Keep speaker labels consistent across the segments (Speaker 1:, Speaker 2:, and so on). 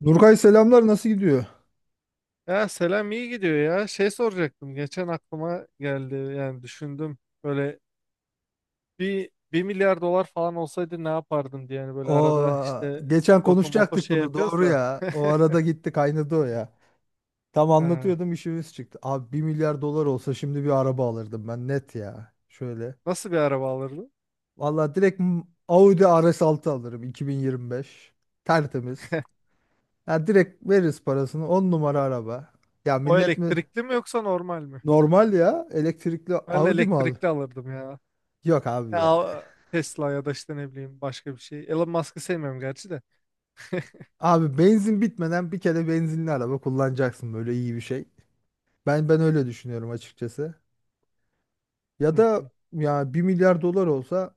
Speaker 1: Nurkay selamlar nasıl gidiyor?
Speaker 2: Ya selam iyi gidiyor ya. Şey soracaktım. Geçen aklıma geldi. Yani düşündüm. Böyle bir milyar dolar falan olsaydı ne yapardın diye. Yani böyle
Speaker 1: O
Speaker 2: arada işte
Speaker 1: geçen
Speaker 2: loto moto
Speaker 1: konuşacaktık
Speaker 2: şey
Speaker 1: bunu
Speaker 2: yapıyoruz
Speaker 1: doğru
Speaker 2: da.
Speaker 1: ya. O arada gitti kaynadı o ya. Tam
Speaker 2: ha,
Speaker 1: anlatıyordum işimiz çıktı. Abi 1 milyar dolar olsa şimdi bir araba alırdım ben net ya. Şöyle.
Speaker 2: Nasıl bir araba alırdın?
Speaker 1: Vallahi direkt Audi RS6 alırım 2025. Tertemiz. Ya direkt veririz parasını 10 numara araba. Ya
Speaker 2: O
Speaker 1: millet mi?
Speaker 2: elektrikli mi yoksa normal mi?
Speaker 1: Normal ya. Elektrikli
Speaker 2: Ben
Speaker 1: Audi mi al?
Speaker 2: elektrikli alırdım ya.
Speaker 1: Yok abi ya.
Speaker 2: Ya Tesla ya da işte ne bileyim başka bir şey. Elon Musk'ı sevmiyorum gerçi de.
Speaker 1: Abi benzin bitmeden bir kere benzinli araba kullanacaksın böyle iyi bir şey. Ben öyle düşünüyorum açıkçası. Ya
Speaker 2: Hı
Speaker 1: da
Speaker 2: hı.
Speaker 1: ya 1 milyar dolar olsa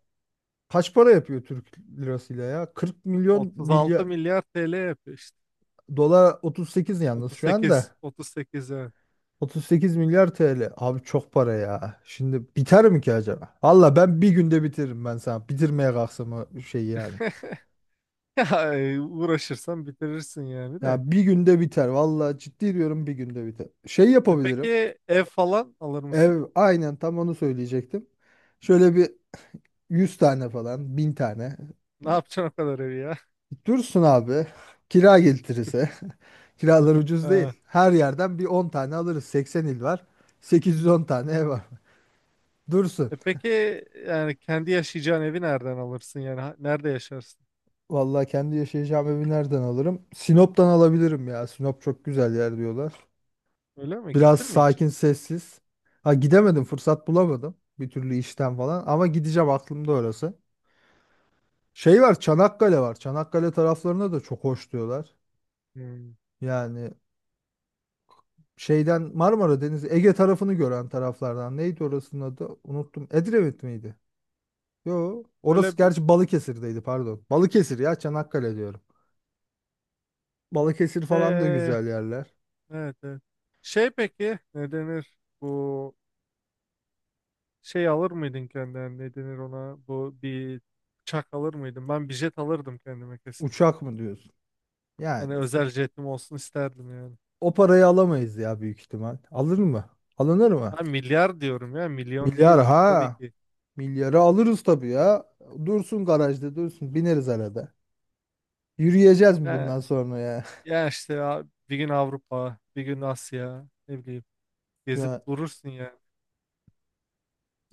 Speaker 1: kaç para yapıyor Türk lirasıyla ya? 40 milyon
Speaker 2: 36
Speaker 1: milyar
Speaker 2: milyar TL yapıyor işte.
Speaker 1: dolar 38 yalnız şu
Speaker 2: 38,
Speaker 1: anda.
Speaker 2: 38 evet.
Speaker 1: 38 milyar TL. Abi çok para ya. Şimdi biter mi ki acaba? Valla ben bir günde bitiririm ben sana. Bitirmeye kalksam o şey yani.
Speaker 2: Ya uğraşırsan bitirirsin yani de.
Speaker 1: Ya bir günde biter. Valla ciddi diyorum bir günde biter. Şey
Speaker 2: E
Speaker 1: yapabilirim.
Speaker 2: peki ev falan alır mısın?
Speaker 1: Ev aynen tam onu söyleyecektim. Şöyle bir 100 tane falan, 1000 tane.
Speaker 2: Ne yapacaksın o kadar evi ya?
Speaker 1: Dursun abi. Kira getirirse. Kiralar ucuz
Speaker 2: Ha.
Speaker 1: değil. Her yerden bir 10 tane alırız. 80 il var. 810 tane ev var. Dursun.
Speaker 2: E peki yani kendi yaşayacağın evi nereden alırsın yani nerede yaşarsın?
Speaker 1: Vallahi kendi yaşayacağım evi nereden alırım? Sinop'tan alabilirim ya. Sinop çok güzel yer diyorlar.
Speaker 2: Öyle mi?
Speaker 1: Biraz
Speaker 2: Gittin mi hiç?
Speaker 1: sakin, sessiz. Ha gidemedim, fırsat bulamadım. Bir türlü işten falan. Ama gideceğim aklımda orası. Şey var, Çanakkale var. Çanakkale taraflarına da çok hoş diyorlar.
Speaker 2: Hmm.
Speaker 1: Yani şeyden Marmara Denizi Ege tarafını gören taraflardan neydi orasının adı unuttum, Edremit miydi? Yo orası
Speaker 2: Öyle bir
Speaker 1: gerçi Balıkesir'deydi, pardon Balıkesir ya, Çanakkale diyorum. Balıkesir falan da
Speaker 2: Ee,
Speaker 1: güzel yerler.
Speaker 2: evet, evet. Şey peki ne denir? Bu şey alır mıydın kendine? Ne denir ona? Bu bir uçak alır mıydın? Ben bir jet alırdım kendime kesin.
Speaker 1: Uçak mı diyorsun yani?
Speaker 2: Hani özel jetim olsun isterdim yani.
Speaker 1: O parayı alamayız ya, büyük ihtimal. Alır mı, alınır mı?
Speaker 2: Ha, milyar diyorum ya milyon
Speaker 1: Milyar
Speaker 2: değil tabii
Speaker 1: ha,
Speaker 2: ki.
Speaker 1: milyarı alırız tabii ya. Dursun garajda, dursun, bineriz arada. Yürüyeceğiz mi bundan sonra ya?
Speaker 2: Ya işte abi, bir gün Avrupa, bir gün Asya, ne bileyim gezip
Speaker 1: ya
Speaker 2: durursun yani.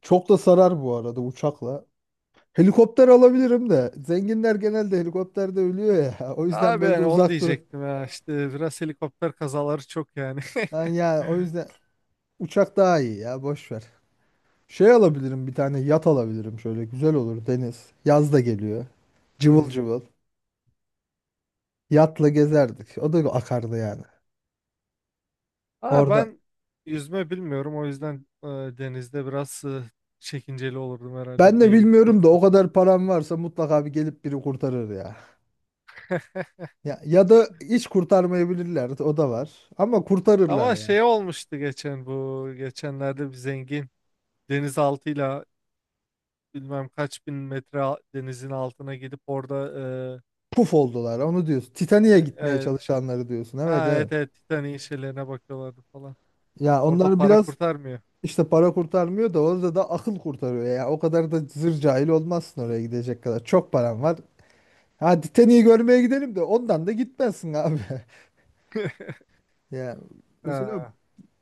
Speaker 1: çok da sarar bu arada uçakla. Helikopter alabilirim de. Zenginler genelde helikopterde ölüyor ya. O yüzden
Speaker 2: Abi
Speaker 1: belki
Speaker 2: yani onu
Speaker 1: uzak dur.
Speaker 2: diyecektim ya işte biraz helikopter kazaları çok yani.
Speaker 1: Ha, ya o yüzden uçak daha iyi ya, boş ver. Şey alabilirim, bir tane yat alabilirim, şöyle güzel olur deniz. Yaz da geliyor. Cıvıl
Speaker 2: Hmm.
Speaker 1: cıvıl. Yatla gezerdik. O da akardı yani.
Speaker 2: Aa,
Speaker 1: Orada.
Speaker 2: ben yüzme bilmiyorum o yüzden denizde biraz çekinceli olurdum herhalde
Speaker 1: Ben de
Speaker 2: bir
Speaker 1: bilmiyorum da o
Speaker 2: fırtına.
Speaker 1: kadar param varsa mutlaka bir gelip biri kurtarır ya. Ya, ya da hiç kurtarmayabilirler. O da var. Ama kurtarırlar
Speaker 2: Ama
Speaker 1: ya.
Speaker 2: şey olmuştu geçen bu geçenlerde bir zengin denizaltıyla bilmem kaç bin metre denizin altına gidip orada
Speaker 1: Puf oldular. Onu diyorsun.
Speaker 2: e,
Speaker 1: Titanik'e
Speaker 2: e,
Speaker 1: gitmeye
Speaker 2: e,
Speaker 1: çalışanları diyorsun. Evet,
Speaker 2: ha,
Speaker 1: evet.
Speaker 2: evet evet Titanic'in şeylerine bakıyorlardı falan.
Speaker 1: Ya
Speaker 2: Orada
Speaker 1: onlar
Speaker 2: para
Speaker 1: biraz
Speaker 2: kurtarmıyor.
Speaker 1: işte, para kurtarmıyor da orada da akıl kurtarıyor ya. O kadar da zır cahil olmazsın oraya gidecek kadar. Çok paran var. Hadi Titanic'i görmeye gidelim de ondan da gitmezsin abi. Ya mesela
Speaker 2: Ha.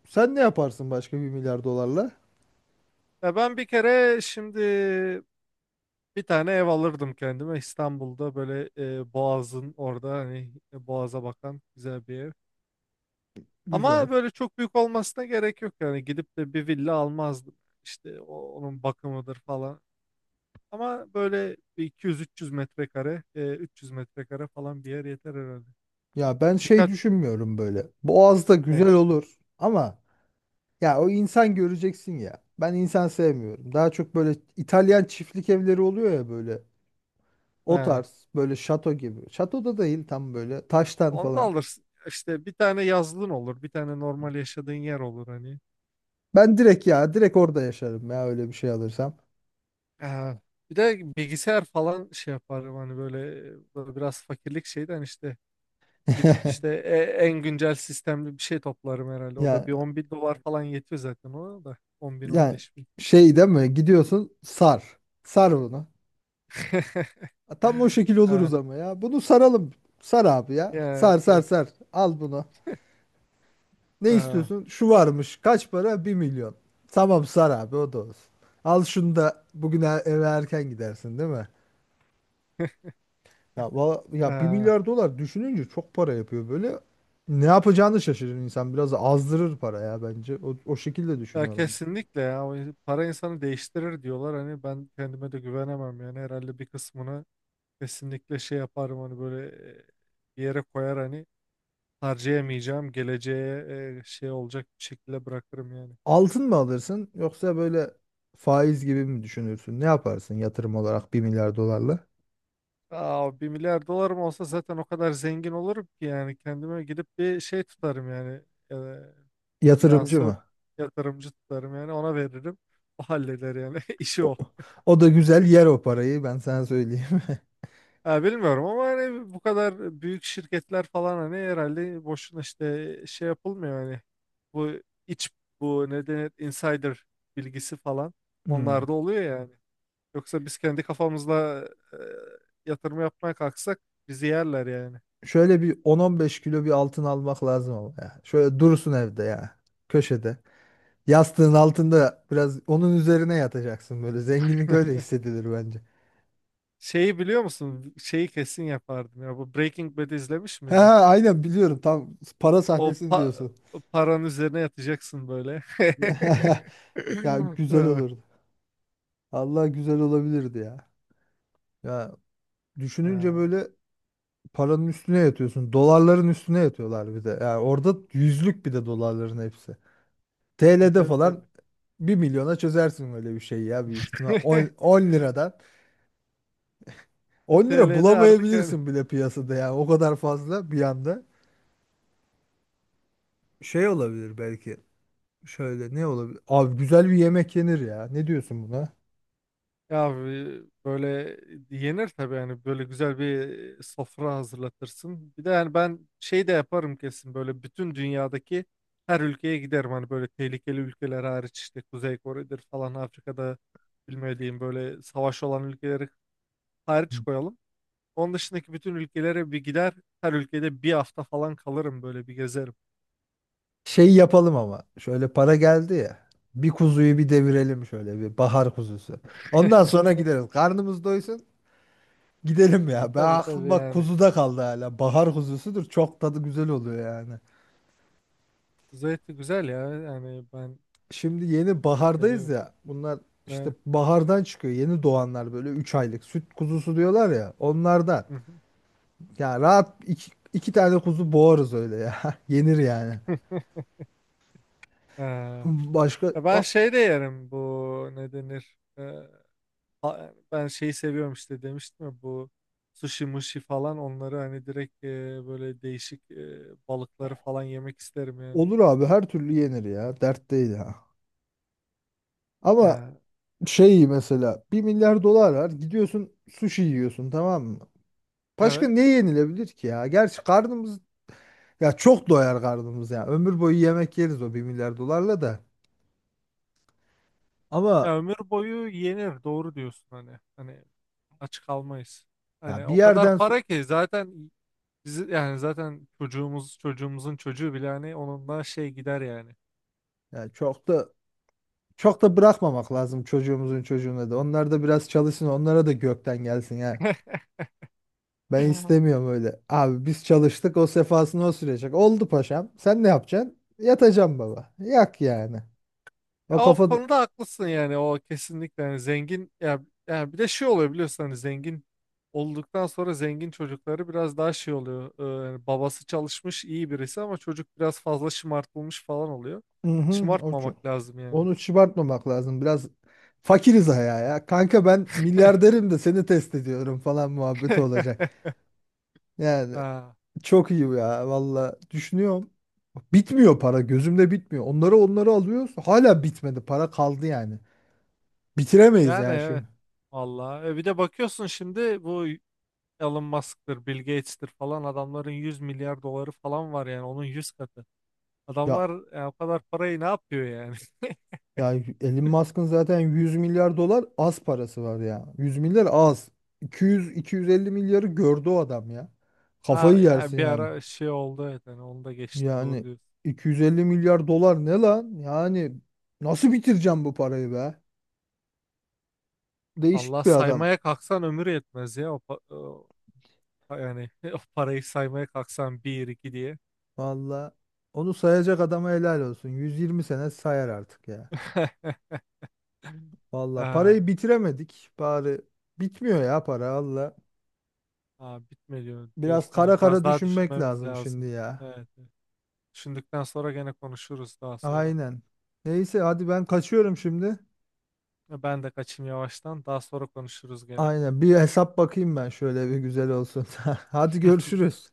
Speaker 1: sen ne yaparsın başka 1 milyar dolarla?
Speaker 2: Ya ben bir kere şimdi bir tane ev alırdım kendime İstanbul'da böyle Boğaz'ın orada hani Boğaz'a bakan güzel bir ev.
Speaker 1: Güzel.
Speaker 2: Ama böyle çok büyük olmasına gerek yok yani gidip de bir villa almazdım. İşte onun bakımıdır falan. Ama böyle bir 200-300 metrekare, 300 metrekare falan bir yer yeter herhalde.
Speaker 1: Ya ben şey
Speaker 2: Birkaç
Speaker 1: düşünmüyorum böyle. Boğaz'da
Speaker 2: ne?
Speaker 1: güzel olur ama ya o insan göreceksin ya. Ben insan sevmiyorum. Daha çok böyle İtalyan çiftlik evleri oluyor ya böyle. O
Speaker 2: Ha.
Speaker 1: tarz böyle şato gibi. Şatoda değil, tam böyle taştan
Speaker 2: Onu da
Speaker 1: falan.
Speaker 2: alırsın. İşte bir tane yazlığın olur, bir tane normal yaşadığın yer olur hani.
Speaker 1: Ben direkt ya direkt orada yaşarım ya öyle bir şey alırsam.
Speaker 2: Ee, Bir de bilgisayar falan şey yaparım hani böyle, böyle biraz fakirlik şeyden işte gidip işte en güncel sistemli bir şey toplarım herhalde. O da
Speaker 1: Ya
Speaker 2: bir 10 bin dolar falan yetiyor zaten ona da on bin on
Speaker 1: yani
Speaker 2: beş bin.
Speaker 1: şey değil mi? Gidiyorsun sar. Sar bunu. Tam o şekil
Speaker 2: Ee,
Speaker 1: oluruz ama ya. Bunu saralım. Sar abi ya. Sar,
Speaker 2: yani,
Speaker 1: sar,
Speaker 2: de-
Speaker 1: sar. Al bunu. Ne
Speaker 2: ee,
Speaker 1: istiyorsun? Şu varmış. Kaç para? 1 milyon. Tamam sar abi o da olsun. Al şunu da bugün eve erken gidersin değil mi? Ya, bir
Speaker 2: ee,
Speaker 1: milyar dolar düşününce çok para yapıyor böyle. Ne yapacağını şaşırır insan. Biraz azdırır para ya bence. O şekilde
Speaker 2: ya
Speaker 1: düşünüyorum.
Speaker 2: kesinlikle ya. O para insanı değiştirir diyorlar hani, ben kendime de güvenemem yani. Herhalde bir kısmını kesinlikle şey yaparım hani böyle, bir yere koyar hani harcayamayacağım. Geleceğe şey olacak bir şekilde bırakırım yani.
Speaker 1: Altın mı alırsın yoksa böyle faiz gibi mi düşünürsün? Ne yaparsın yatırım olarak 1 milyar dolarla?
Speaker 2: Aa, 1 milyar dolarım olsa zaten o kadar zengin olurum ki yani kendime gidip bir şey tutarım yani. E,
Speaker 1: Yatırımcı
Speaker 2: Finansör,
Speaker 1: mı?
Speaker 2: yatırımcı tutarım yani, ona veririm. O halleder yani işi
Speaker 1: O,
Speaker 2: o.
Speaker 1: o da güzel yer o parayı ben sana söyleyeyim.
Speaker 2: Ha, bilmiyorum ama hani bu kadar büyük şirketler falan hani herhalde boşuna işte şey yapılmıyor hani. Bu iç, bu ne denir, insider bilgisi falan
Speaker 1: Hmm.
Speaker 2: onlar da oluyor yani. Yoksa biz kendi kafamızla e, yatırım yapmaya kalksak bizi yerler yani.
Speaker 1: Şöyle bir 10-15 kilo bir altın almak lazım ama ya. Şöyle dursun evde ya. Köşede. Yastığın altında biraz onun üzerine yatacaksın böyle. Zenginlik öyle hissedilir bence.
Speaker 2: Şeyi biliyor musun? Şeyi kesin yapardım ya. Bu Breaking Bad izlemiş
Speaker 1: Ha,
Speaker 2: miydin?
Speaker 1: ha, aynen biliyorum, tam para
Speaker 2: O
Speaker 1: sahnesini
Speaker 2: pa-
Speaker 1: diyorsun.
Speaker 2: Paranın üzerine yatacaksın böyle.
Speaker 1: Ya güzel
Speaker 2: Ha,
Speaker 1: olurdu. Allah güzel olabilirdi ya. Ya düşününce
Speaker 2: ya,
Speaker 1: böyle paranın üstüne yatıyorsun. Dolarların üstüne yatıyorlar bir de. Yani orada yüzlük bir de dolarların hepsi. TL'de
Speaker 2: tabii
Speaker 1: falan
Speaker 2: tabii.
Speaker 1: 1 milyona çözersin öyle bir şey ya, büyük ihtimal. 10, 10 liradan. 10 lira
Speaker 2: TL'de artık yani.
Speaker 1: bulamayabilirsin bile piyasada yani o kadar fazla bir anda. Şey olabilir belki. Şöyle ne olabilir? Abi güzel bir yemek yenir ya. Ne diyorsun buna?
Speaker 2: Ya böyle yenir tabii yani, böyle güzel bir sofra hazırlatırsın. Bir de yani ben şey de yaparım kesin böyle, bütün dünyadaki her ülkeye giderim. Hani böyle tehlikeli ülkeler hariç, işte Kuzey Kore'dir falan, Afrika'da bilmediğim böyle savaş olan ülkeleri hariç koyalım. Onun dışındaki bütün ülkelere bir gider, her ülkede bir hafta falan kalırım, böyle bir gezerim.
Speaker 1: Şey yapalım ama. Şöyle para geldi ya. Bir kuzuyu bir devirelim, şöyle bir bahar kuzusu. Ondan sonra gideriz. Karnımız doysun. Gidelim
Speaker 2: E
Speaker 1: ya. Ben
Speaker 2: tabii
Speaker 1: aklım
Speaker 2: tabii
Speaker 1: bak
Speaker 2: yani.
Speaker 1: kuzuda kaldı hala. Bahar kuzusudur. Çok tadı güzel oluyor yani.
Speaker 2: Kuzey eti güzel ya yani, ben
Speaker 1: Şimdi yeni bahardayız
Speaker 2: seviyorum.
Speaker 1: ya. Bunlar işte
Speaker 2: Evet.
Speaker 1: bahardan çıkıyor. Yeni doğanlar böyle 3 aylık süt kuzusu diyorlar ya. Onlardan. Ya rahat iki tane kuzu boğarız öyle ya. Yenir yani.
Speaker 2: Ee,
Speaker 1: Başka
Speaker 2: Ya, ben şey de yerim, bu ne denir? Ben şeyi seviyorum işte, demiştim ya, bu sushi mushi falan, onları hani direkt böyle değişik balıkları falan yemek isterim yani.
Speaker 1: Olur abi her türlü yenir ya. Dert değil ha. Ama
Speaker 2: Ya,
Speaker 1: şey mesela 1 milyar dolar var. Gidiyorsun sushi yiyorsun tamam mı? Başka
Speaker 2: evet.
Speaker 1: ne yenilebilir ki ya? Gerçi karnımız Ya çok doyar karnımız ya. Ömür boyu yemek yeriz o 1 milyar dolarla da. Ama
Speaker 2: Ya ömür boyu yenir, doğru diyorsun hani. Hani aç kalmayız. Hani
Speaker 1: ya
Speaker 2: o kadar para ki, zaten bizi yani zaten çocuğumuz, çocuğumuzun çocuğu bile hani, onunla şey gider yani.
Speaker 1: ya çok da bırakmamak lazım çocuğumuzun çocuğuna da. Onlar da biraz çalışsın, onlara da gökten gelsin ya. Ben istemiyorum öyle. Abi biz çalıştık, o sefasını o sürecek. Oldu paşam. Sen ne yapacaksın? Yatacağım baba. Yak yani.
Speaker 2: Ya
Speaker 1: O
Speaker 2: o
Speaker 1: kafada
Speaker 2: konuda haklısın yani, o kesinlikle yani. Zengin ya, ya bir de şey oluyor biliyorsun hani, zengin olduktan sonra zengin çocukları biraz daha şey oluyor. Yani babası çalışmış, iyi birisi ama çocuk biraz fazla şımartılmış falan oluyor.
Speaker 1: hı hı,
Speaker 2: Şımartmamak lazım yani.
Speaker 1: onu çıbartmamak lazım. Biraz fakiriz ayağa ya. Kanka ben milyarderim de seni test ediyorum falan muhabbeti olacak. Yani
Speaker 2: Ha,
Speaker 1: çok iyi ya valla düşünüyorum. Bitmiyor para gözümde bitmiyor. Onları alıyoruz. Hala bitmedi. Para kaldı yani. Bitiremeyiz
Speaker 2: yani
Speaker 1: yani
Speaker 2: evet,
Speaker 1: şimdi.
Speaker 2: vallahi. Bir de bakıyorsun şimdi, bu Elon Musk'tır, Bill Gates'tir falan adamların 100 milyar doları falan var yani, onun 100 katı
Speaker 1: Ya
Speaker 2: adamlar yani. O kadar parayı ne yapıyor yani?
Speaker 1: ya Elon Musk'ın zaten 100 milyar dolar az parası var ya. 100 milyar az. 200 250 milyarı gördü o adam ya. Kafayı
Speaker 2: Ha, ya
Speaker 1: yersin
Speaker 2: bir
Speaker 1: yani.
Speaker 2: ara şey oldu, evet yani onu da geçti, doğru
Speaker 1: Yani
Speaker 2: diyorsun.
Speaker 1: 250 milyar dolar ne lan? Yani nasıl bitireceğim bu parayı be?
Speaker 2: Allah
Speaker 1: Değişik bir adam.
Speaker 2: saymaya kalksan ömür yetmez ya, yani o parayı saymaya kalksan bir iki diye.
Speaker 1: Valla onu sayacak adama helal olsun. 120 sene sayar artık ya. Valla
Speaker 2: Ha,
Speaker 1: parayı bitiremedik. Bari bitmiyor ya para valla.
Speaker 2: ha, bitmiyor
Speaker 1: Biraz
Speaker 2: diyorsun
Speaker 1: kara
Speaker 2: hani, biraz
Speaker 1: kara
Speaker 2: daha
Speaker 1: düşünmek
Speaker 2: düşünmemiz
Speaker 1: lazım şimdi
Speaker 2: lazım.
Speaker 1: ya.
Speaker 2: Evet, evet. Düşündükten sonra gene konuşuruz daha sonra.
Speaker 1: Aynen. Neyse hadi ben kaçıyorum şimdi.
Speaker 2: Ben de kaçayım yavaştan, daha sonra konuşuruz gene.
Speaker 1: Aynen bir hesap bakayım ben şöyle bir güzel olsun. Hadi görüşürüz.